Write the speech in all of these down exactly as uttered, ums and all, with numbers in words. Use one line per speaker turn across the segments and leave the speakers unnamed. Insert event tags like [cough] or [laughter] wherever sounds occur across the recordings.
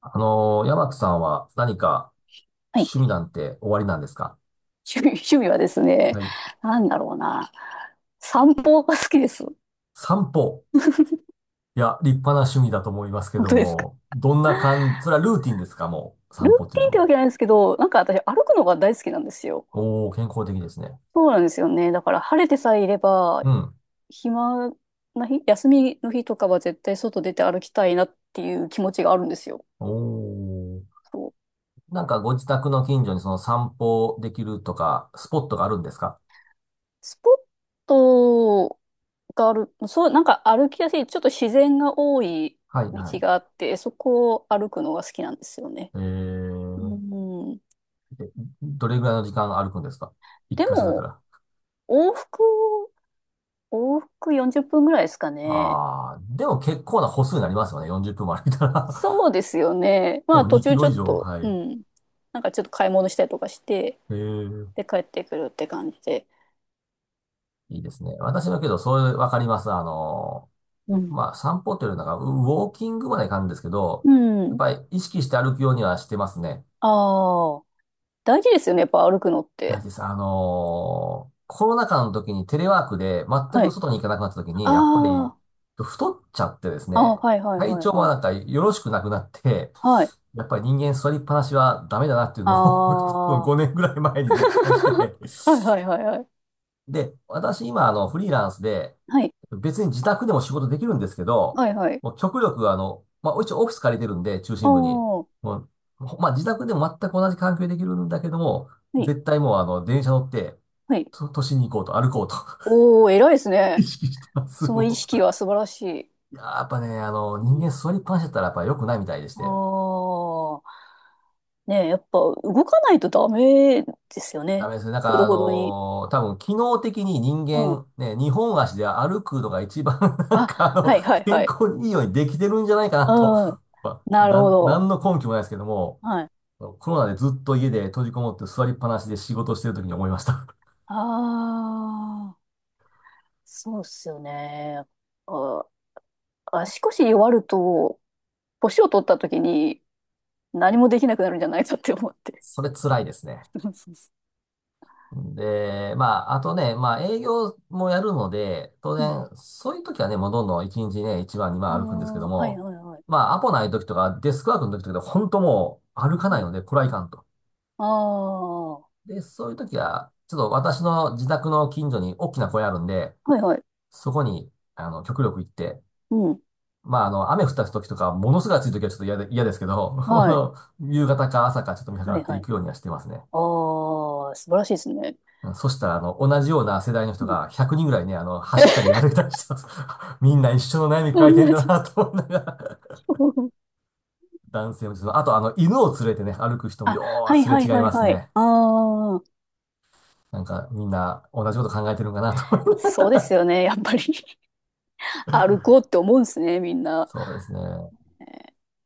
あのー、山木さんは何か
はい。
趣味なんておありなんですか？
趣味、[laughs] 趣味はですね、
はい。
なんだろうな。散歩が好きです。
散歩。いや、立派な趣味だと思いますけ
本
ど
当ですか。
も、どんな感じ、それはルーティンですかもう、
ル
散歩っ
ー
てい
テ
う
ィンっ
の
て
が？
わけじゃないんですけど、なんか私歩くのが大好きなんですよ。
おー、健康的ですね。
そうなんですよね。だから晴れてさえいれば、
うん。
暇な日、休みの日とかは絶対外出て歩きたいなっていう気持ちがあるんですよ。
おー。
そう。
なんかご自宅の近所にその散歩できるとか、スポットがあるんですか？
スポットがある、そう、なんか歩きやすい、ちょっと自然が多い
はい
道
はい。
があって、そこを歩くのが好きなんですよね。
え
う
ー、
ん。
でどれぐらいの時間歩くんですか？一
で
回外れた
も、
ら。
往復、往復よんじゅっぷんぐらいですかね。
あー、でも結構な歩数になりますよね。よんじゅっぷんも歩いたら、
そうですよね。
[laughs] 多
まあ
分
途
2キ
中ち
ロ
ょ
以
っ
上、
と、
は
う
い。
ん。なんかちょっと買い物したりとかして、
ええ。
で帰ってくるって感じで。
いいですね。私はけど、そういう、わかります。あの、
うん。
まあ、散歩というよりなんか、ウォーキングまでいかんですけど、
う
やっ
ん。
ぱり意識して歩くようにはしてますね。
ああ、大事ですよね。やっぱ歩くのっ
大事
て。
です。あのーコロナ禍の時にテレワークで全
は
く
い。
外に行かなくなった時に、やっぱり
あ
太っちゃってです
あ、ああ、
ね、
はいはい
体
はい
調も
は
なん
い。
かよろしくなくなって、
はい。
やっぱり人間座りっぱなしはダメだなっていうのを、 [laughs]
あ
ごねんぐらい前
あ、
に実感して、
[laughs] はいはいはいはい。
で、私今あのフリーランスで、
はい。
別に自宅でも仕事できるんですけど、
はいはい。
もう極力あの、まあ、一応オフィス借りてるんで、中
ああ、
心部に。
は
もう、ほまあ、自宅でも全く同じ環境でできるんだけども、
い。
絶対もうあの、電車乗って、
はい。
と都心に行こうと、歩こうと、
おー、偉いです
[laughs]
ね。
意識してます。
その意
も
識
う
は素晴らしい。
いやー、やっぱね、あの、人間座りっぱなしだったらやっぱ良くないみたいでし
あ
て。
あ、ねえ、やっぱ動かないとダメですよ
ダ
ね。
メですね。なん
ほ
か
ど
あ
ほどに。
のー多分機能的に人
うん。
間、ね、二本足で歩くのが一番、 [laughs] なん
あ、
かあの、
はいはい
健
はい。
康にいいようにできてるんじゃないかなと。
うん。
まあ、
なる
な
ほ
ん、な
ど。
んの根拠もないですけども、
はい。
コロナでずっと家で閉じこもって座りっぱなしで仕事してる時に思いました。
ああ、そうっすよね。あ、足腰弱ると、年を取った時に何もできなくなるんじゃないかって思っ
[laughs]
て。
それ辛いですね。
[laughs] そうそうそ
で、まあ、あとね、まあ、営業もやるので、当
う。うん。
然、そういう時はね、もうどんどんいちにちね、いちばん、
あ
にばん歩くんですけど
あ、はい
も、
はいはい。
まあ、アポない時とか、デスクワークの時とかで、本当もう歩かな
は
い
い。
ので、これはいかんと。
ああ、は
で、そういう時は、ちょっと私の自宅の近所に大きな公園あるんで、
いはい。
そこに、あの、極力行って、
うん。
まあ、あの、雨降った時とか、ものすごい暑い時はちょっと嫌で、嫌ですけど、[laughs] あ
はい。
の、夕方か朝かちょっと見計ら
は
っ
い
て
は
い
い。
くようにはしてますね。
ああ、素晴らしいですね。
うん。そしたら、あの、同じような世代の人
うん
がひゃくにんぐらいね、あの、走った
[laughs]
り歩いたりしてます。[laughs] みんな一緒の悩み抱えてん
同
だ
じ
なと思いながら、
今日。
男性もちょっと、あと、あの、犬を連れてね、歩く人も
あ、
よー
はい
すれ
はい
違い
はい
ます
はい。
ね。
ああ、
なんか、みんな同じこと考えてるんかなと思いながら、
そうですよね。やっぱり [laughs] 歩こうって思うんですね、みん
[laughs]
な。
そうですね。
え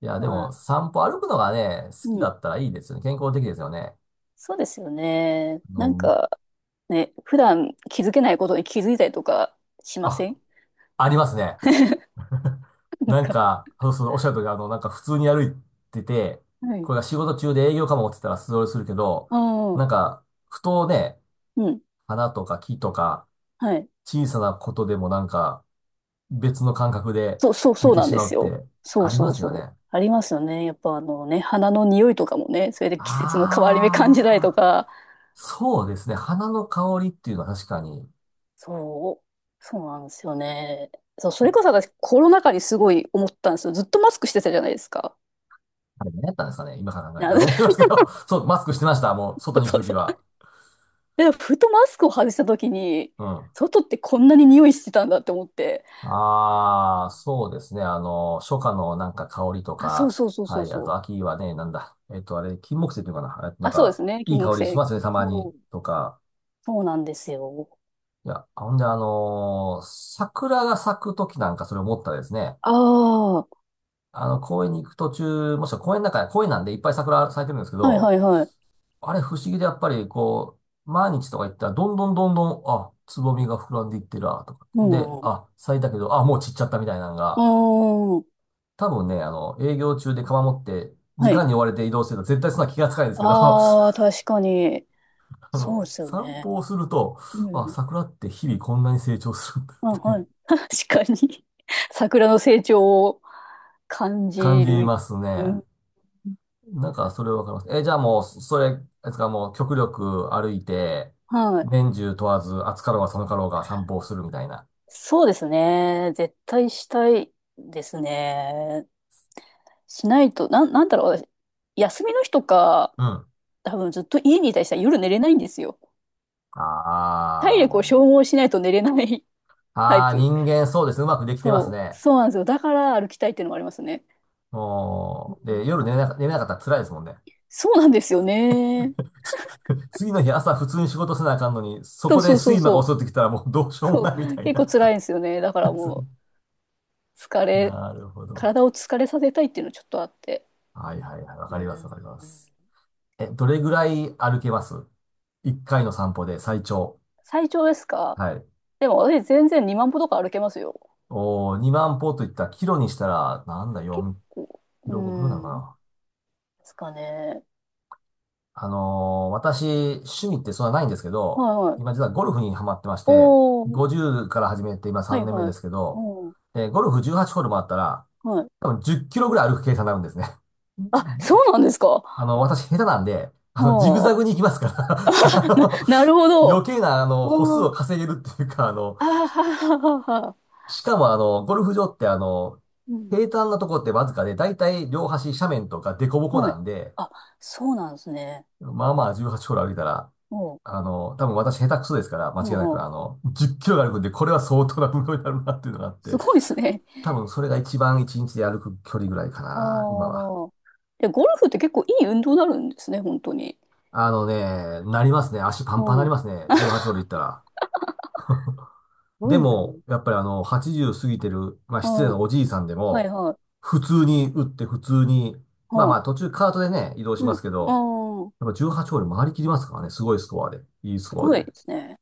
いや、
ー
で
ま
も、
あ、
散歩歩くのがね、好き
うん。
だったらいいですよね。健康的ですよね。
そうですよね。
あ
なん
の、
か、ね、普段気づけないことに気づいたりとかしま
あ、
せん？
ありますね。
[laughs]
[laughs]
なん
なん
か、
か、そうそう、おっしゃる通り、あの、なんか普通に歩いてて、
はい。
これが仕事中で営業かもって言ったら素通りするけど、
あ
なん
あ、
か、ふとね、
うん。
花とか木とか、
はい。
小さなことでもなんか、別の感覚で
そうそう
見
そう
て
なん
し
で
ま
す
うっ
よ。
て、
そ
あ
う
り
そ
ま
う
すよ
そう。
ね。
ありますよね。やっぱあのね、花の匂いとかもね、それで季節の変わり目感じたりと
ああ、
か、
そうですね。花の香りっていうのは確かに、
そう、そうなんですよね。そう、それこそ私コロナ禍にすごい思ったんですよ。ずっとマスクしてたじゃないですか。
あれ何やったんですかね。今から考え
な
たらと思いますけ
[laughs]
ど、[laughs] そう、マスクしてました。もう、外に行
そ
く
う
とき
そう。
は。
で、ふとマスクを外した時に、
うん。
外ってこんなに匂いしてたんだって思って。う
ああ、
ん
そうですね。あの、初夏のなんか香りと
あ、そう
か、
そうそう
は
そう
い。あ
そ
と
う。
秋はね、なんだ。えっと、あれ、金木犀っていうのかな。えっと、なん
あ、そうで
か、
すね。
い
金
い
木
香りし
犀。
ますね、たまに。
そう、
とか。
そうなんですよ。
いや、ほんで、あのー桜が咲くときなんかそれ思ったですね。
ああ、は
あの、公園に行く途中、もしくは公園の中、公園なんでいっぱい桜咲いてるんですけ
いは
ど、
いはい。
あれ不思議でやっぱりこう、毎日とか行ったら、どんどんどんどん、あ、つぼみが膨らんでいってるわ、とか。
う
で、
ん。う
あ、咲いたけど、あ、もう散っちゃったみたいなの
ー
が、
ん。
多分ね、あの、営業中で釜持って、時
はい。
間に追われて移動してると絶対そんな気がつかないんですけど、
ああ、
[laughs]
確かに。
あ
そう
の、
ですよ
散
ね。
歩をすると、
う
あ、
ん
桜って日々こんなに成長するんだ、
あ、
みたいな、
はい。[laughs] 確かに。[laughs] 桜の成長を感
感
じ
じ
る。
ます
う
ね。
ん。
なんか、それわかります。え、じゃあもう、それ、あれですか、もう極力歩いて、
はい。
年中問わず、暑かろうが寒かろうが散歩をするみたいな。
そうですね。絶対したいですね。しないと、なん、なんだろう、私、休みの日とか、
うん。
多分ずっと家にいたりしたら夜寝れないんですよ。
あ
体力を消
あ。
耗しないと寝れない [laughs] タイ
ああ、
プ。
人間そうですね。うまくできてます
そう、
ね。
そうなんですよ。だから歩きたいっていうのもありますね。う
もう、で、
ん
夜寝れなか、寝れなかったら辛いですもんね。
そうなんですよね。
次の日朝普通に仕事せなあかんのに、そ
そ
こ
う
で
そうそう
睡魔
そ
が襲
う。
ってきたらもうどうしようも
そ
ないみ
う、
たい
結構辛い
な。
んですよね。だからも
[laughs]
う、疲れ、
なるほど。
体を疲れさせたいっていうのちょっとあって。
はいはいはい。わか
う
ります
ん。
わかります。え、どれぐらい歩けます？一回の散歩で最長。
最長ですか？
はい。
でも私全然にまん歩とか歩けますよ。
おー、にまん歩といったらキロにしたら、なんだ、
結
4
構。
キ
う
ロ、ごキロなのか
ん。で
な。
すかね。
あのー私、趣味ってそんなないんですけど、
はいは
今
い。
実はゴルフにハマってまして、
おー。
ごじゅうから始めて今
は
3
い
年目
は
で
い。
すけど、
おー
えーゴルフじゅうはちホールもあったら、
はい。
多分じゅっキロぐらい歩く計算になるんですね。
あ、
じ
そうなんですか。
あの、私下手なんで、あの、ジグ
は
ザグに
あ。
行きますから、 [laughs] あ
な、
の
なるほど。
余計な、あ
あ
の、歩数
ー
を稼げるっていうか、あの、
あー、ははははは。
しか
そ
もあの、ゴルフ場ってあの、
う。うん。
平坦なとこってわずかで、だいたい両端斜面とか凸凹
は
な
い。
んで、
あ、そうなんですね。
まあまあじゅうはちホール歩いたら、
おう。
あの、多分私下手くそですから、間違い
お
なく、
う
あの、じゅっキロが歩くんで、これは相当な運動になるなっていうのがあっ
す
て、
ごいですね。
多分それが一番一日で歩く距離ぐらいか
あ
な、今は。
あ。で、ゴルフって結構いい運動になるんですね、本当に。
あのね、なりますね。足パンパンにな
う
り
ん。す
ますね。じゅうはちホール行ったら。
ご
で
いな。
も、
[laughs]
やっぱりあの、はちじゅう過ぎてる、まあ
あ
失礼
あ、
な
は
おじいさんで
い
も、
はい。
普通に打って普通に、まあ
は
まあ途
あ、
中カートでね、移動しま
うん。
すけ
あ
ど、
あ、
やっぱじゅうはちホール回りきりますからね。すごいスコアで。いいス
す
コア
ご
で。
いですね。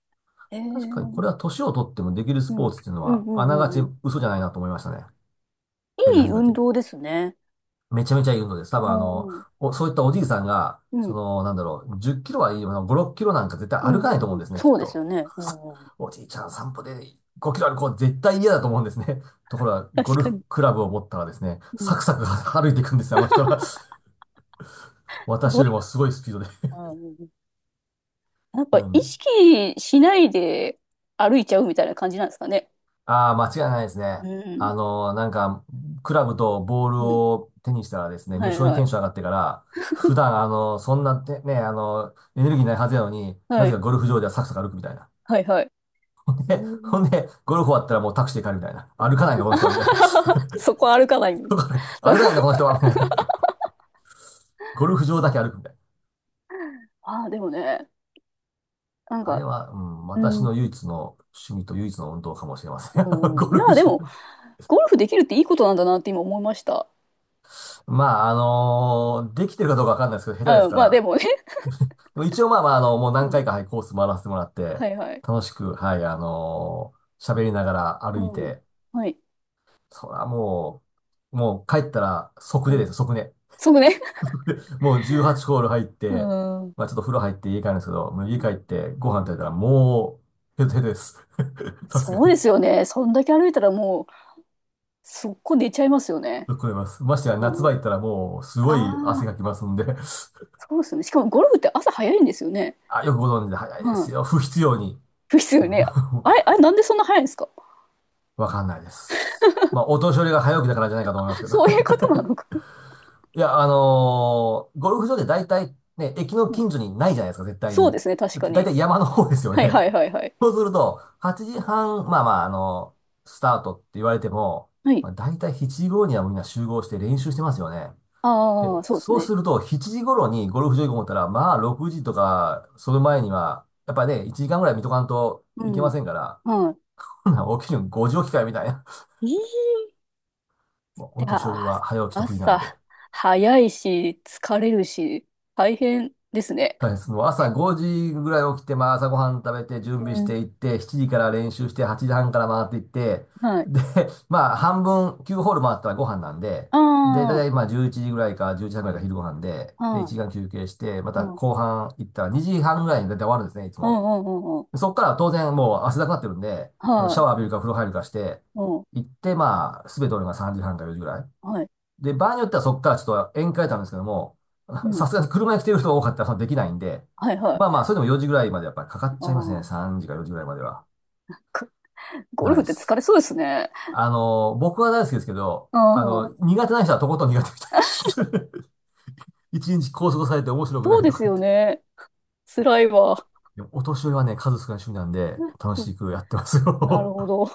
ええう
確かにこ
ん。
れは年を取ってもできるス
う
ポ
ん
ーツっていうの
うん
は、
う
あなが
んう
ち
ん。
嘘じゃないなと思いましたね。やり
いい
始め
運
て。
動ですね。
めちゃめちゃいい運動です。多
ああ、
分あの、
うん。
お、そういったおじいさんが、
う
そ
ん
の、なんだろう、じゅっキロはいい、あのご、ろっキロなんか絶対
う
歩かないと
ん
思う
う
ん
ん。
ですね、きっ
そうです
と。
よね。うんうん。
おじいちゃん散歩でごキロ歩こう絶対嫌だと思うんですね。[laughs] ところが、ゴ
確
ル
か
フ
に。
クラブを持ったらですね、
う
サ
ん。
クサク歩いていくんですよ、あの人は。[laughs]
す
私
ご
よ
い。
りもすごいスピードで。
うんうんうん。やっ
[laughs]
ぱ
な
意
んで。
識しないで歩いちゃうみたいな感じなんですかね。
ああ、間違いないですね。
う
あ
ん。
のーなんか、クラブとボール
うん。
を手にしたらですね、
は
無
い
性に
は
テン
い。
ション上がってから、普段、あのーそんなて、ね、あのーエネルギーないはずやのに、な
は
ぜか
い。
ゴルフ場ではサクサク歩くみたいな。
はいはい。
[laughs]
う
で、ほ
ん。
んで、ゴルフ終わったらもうタクシーで帰るみたいな。歩かないんだこの人は、みたいな。[laughs]
[laughs] そこは歩かない。[laughs]
歩かないんだ、この人は、みたいな。ゴルフ場だけ歩くみたいな。
ああ、でもね、なん
あれ
か、
は、うん、
う
私
ん、
の唯一の趣味と唯一の運動かもしれません。[laughs]
う
ゴ
ん、い
ルフ
や、で
場。
も、ゴルフできるっていいことなんだなって今思いました。
まあ、あのーできてるかどうかわかんないですけど、下手です
うん、
か
まあで
ら。
もね。
でも一応まあまあ、あの、もう何
う
回
ん。
か、はい、コース回らせてもらって、
はいはい。
楽しく、はい、あのー喋りながら歩
う
い
ん。
て、
はい。
そらもう、もう帰ったら即
う
寝
ん。
です、即寝。
そうね。
もうじゅうはちホール入っ
う
て、
ん。うん
まあちょっと風呂入って家帰るんですけど、もう家帰ってご飯
う
食べ
ん
たらもう、ヘトヘトです。[laughs] さすが
そうです
に。
よね。そんだけ歩いたらもう、そこ寝ちゃいますよね。
聞こえます。ましてや夏
う
場
ん、
行ったらもうすご
あ
い汗
あ、
かきますんで [laughs]
そうですよね。しかもゴルフって朝早いんですよね。
あ、よくご存知で早い
う
です
ん。
よ。不必要に。
ですよね。あれ、あ
[laughs]
れ、なんでそんな早いんですか？
わかんないです。まあ、お年寄りが早起きだからじゃないかと思います
[laughs]
けど
そういうこ
[laughs]
となのか、
いや、あのーゴルフ場で大体ね、駅の
うん、
近所にないじゃないですか、絶対
そう
に。
ですね、確
だっ
か
て大
に。
体山の方ですよ
はい
ね。
はいはいはい。
[laughs] そうすると、はちじはん、まあまあ、あのスタートって言われても、
はい。
まあ、大体しちじ頃にはみんな集合して練習してますよね。で、
ああ、そうです
そう
ね。
すると、しちじ頃にゴルフ場行こうと思ったら、まあ、ろくじとか、その前には、やっぱね、いちじかんぐらい見とかんと
う
いけま
ん。
せんから、
はい。
ほなん起きるのごじ起きかよ、みたいな。
えー、
[laughs] もうお
で、
年寄り
あ、
は早起き得意なん
朝
で。
早いし、疲れるし、大変ですね。
大変です。もう朝ごじぐらい起きて、まあ、朝ごはん食べて、準備
う
し
ん。
ていって、しちじから練習して、はちじはんから回っていって、
はい。
で、まあ、半分、きゅうホール回ったらご飯なんで、で、だい
あ
たいまあ、じゅういちじぐらいか、じゅういちじはんぐらいが昼ご飯で、
あ、
で、1
は
時間休憩し
い。
て、ま
う
た
ん。うん
後半行ったらにじはんぐらいにだいたい終わるんですね、いつ
う
も。
んうんうん。
そこから当然もう汗だくなってるんで、あの、シャ
は
ワー浴びるか風呂入るかして、
い。うん。
行って、まあ、すべて俺がさんじはんかよじぐらい。
はい。
で、場合によってはそこからちょっと宴会たんですけども、
う
[laughs] さ
ん。
すがに車に来てる人
え
が多かったらそのできないんで、
はいはい。
まあまあ、それでもよじぐらいまでやっぱりかかっ
あ
ちゃいますね。
あ。
さんじかよじぐらいまでは。
くゴル
長い
フっ
で
て疲
す。
れそうですね。
あの、僕は大好きですけど、
あ
あ
あ。
の、苦手な人はとことん苦手みたいです。[laughs] 一日拘束されて面白く
そ
な
う
い
で
とか
す
っ
よ
て。
ね。辛いわ。
でもお年寄りはね、数少ない趣味なんで、楽
そ
しくやってます
う。なる
よ。
ほど。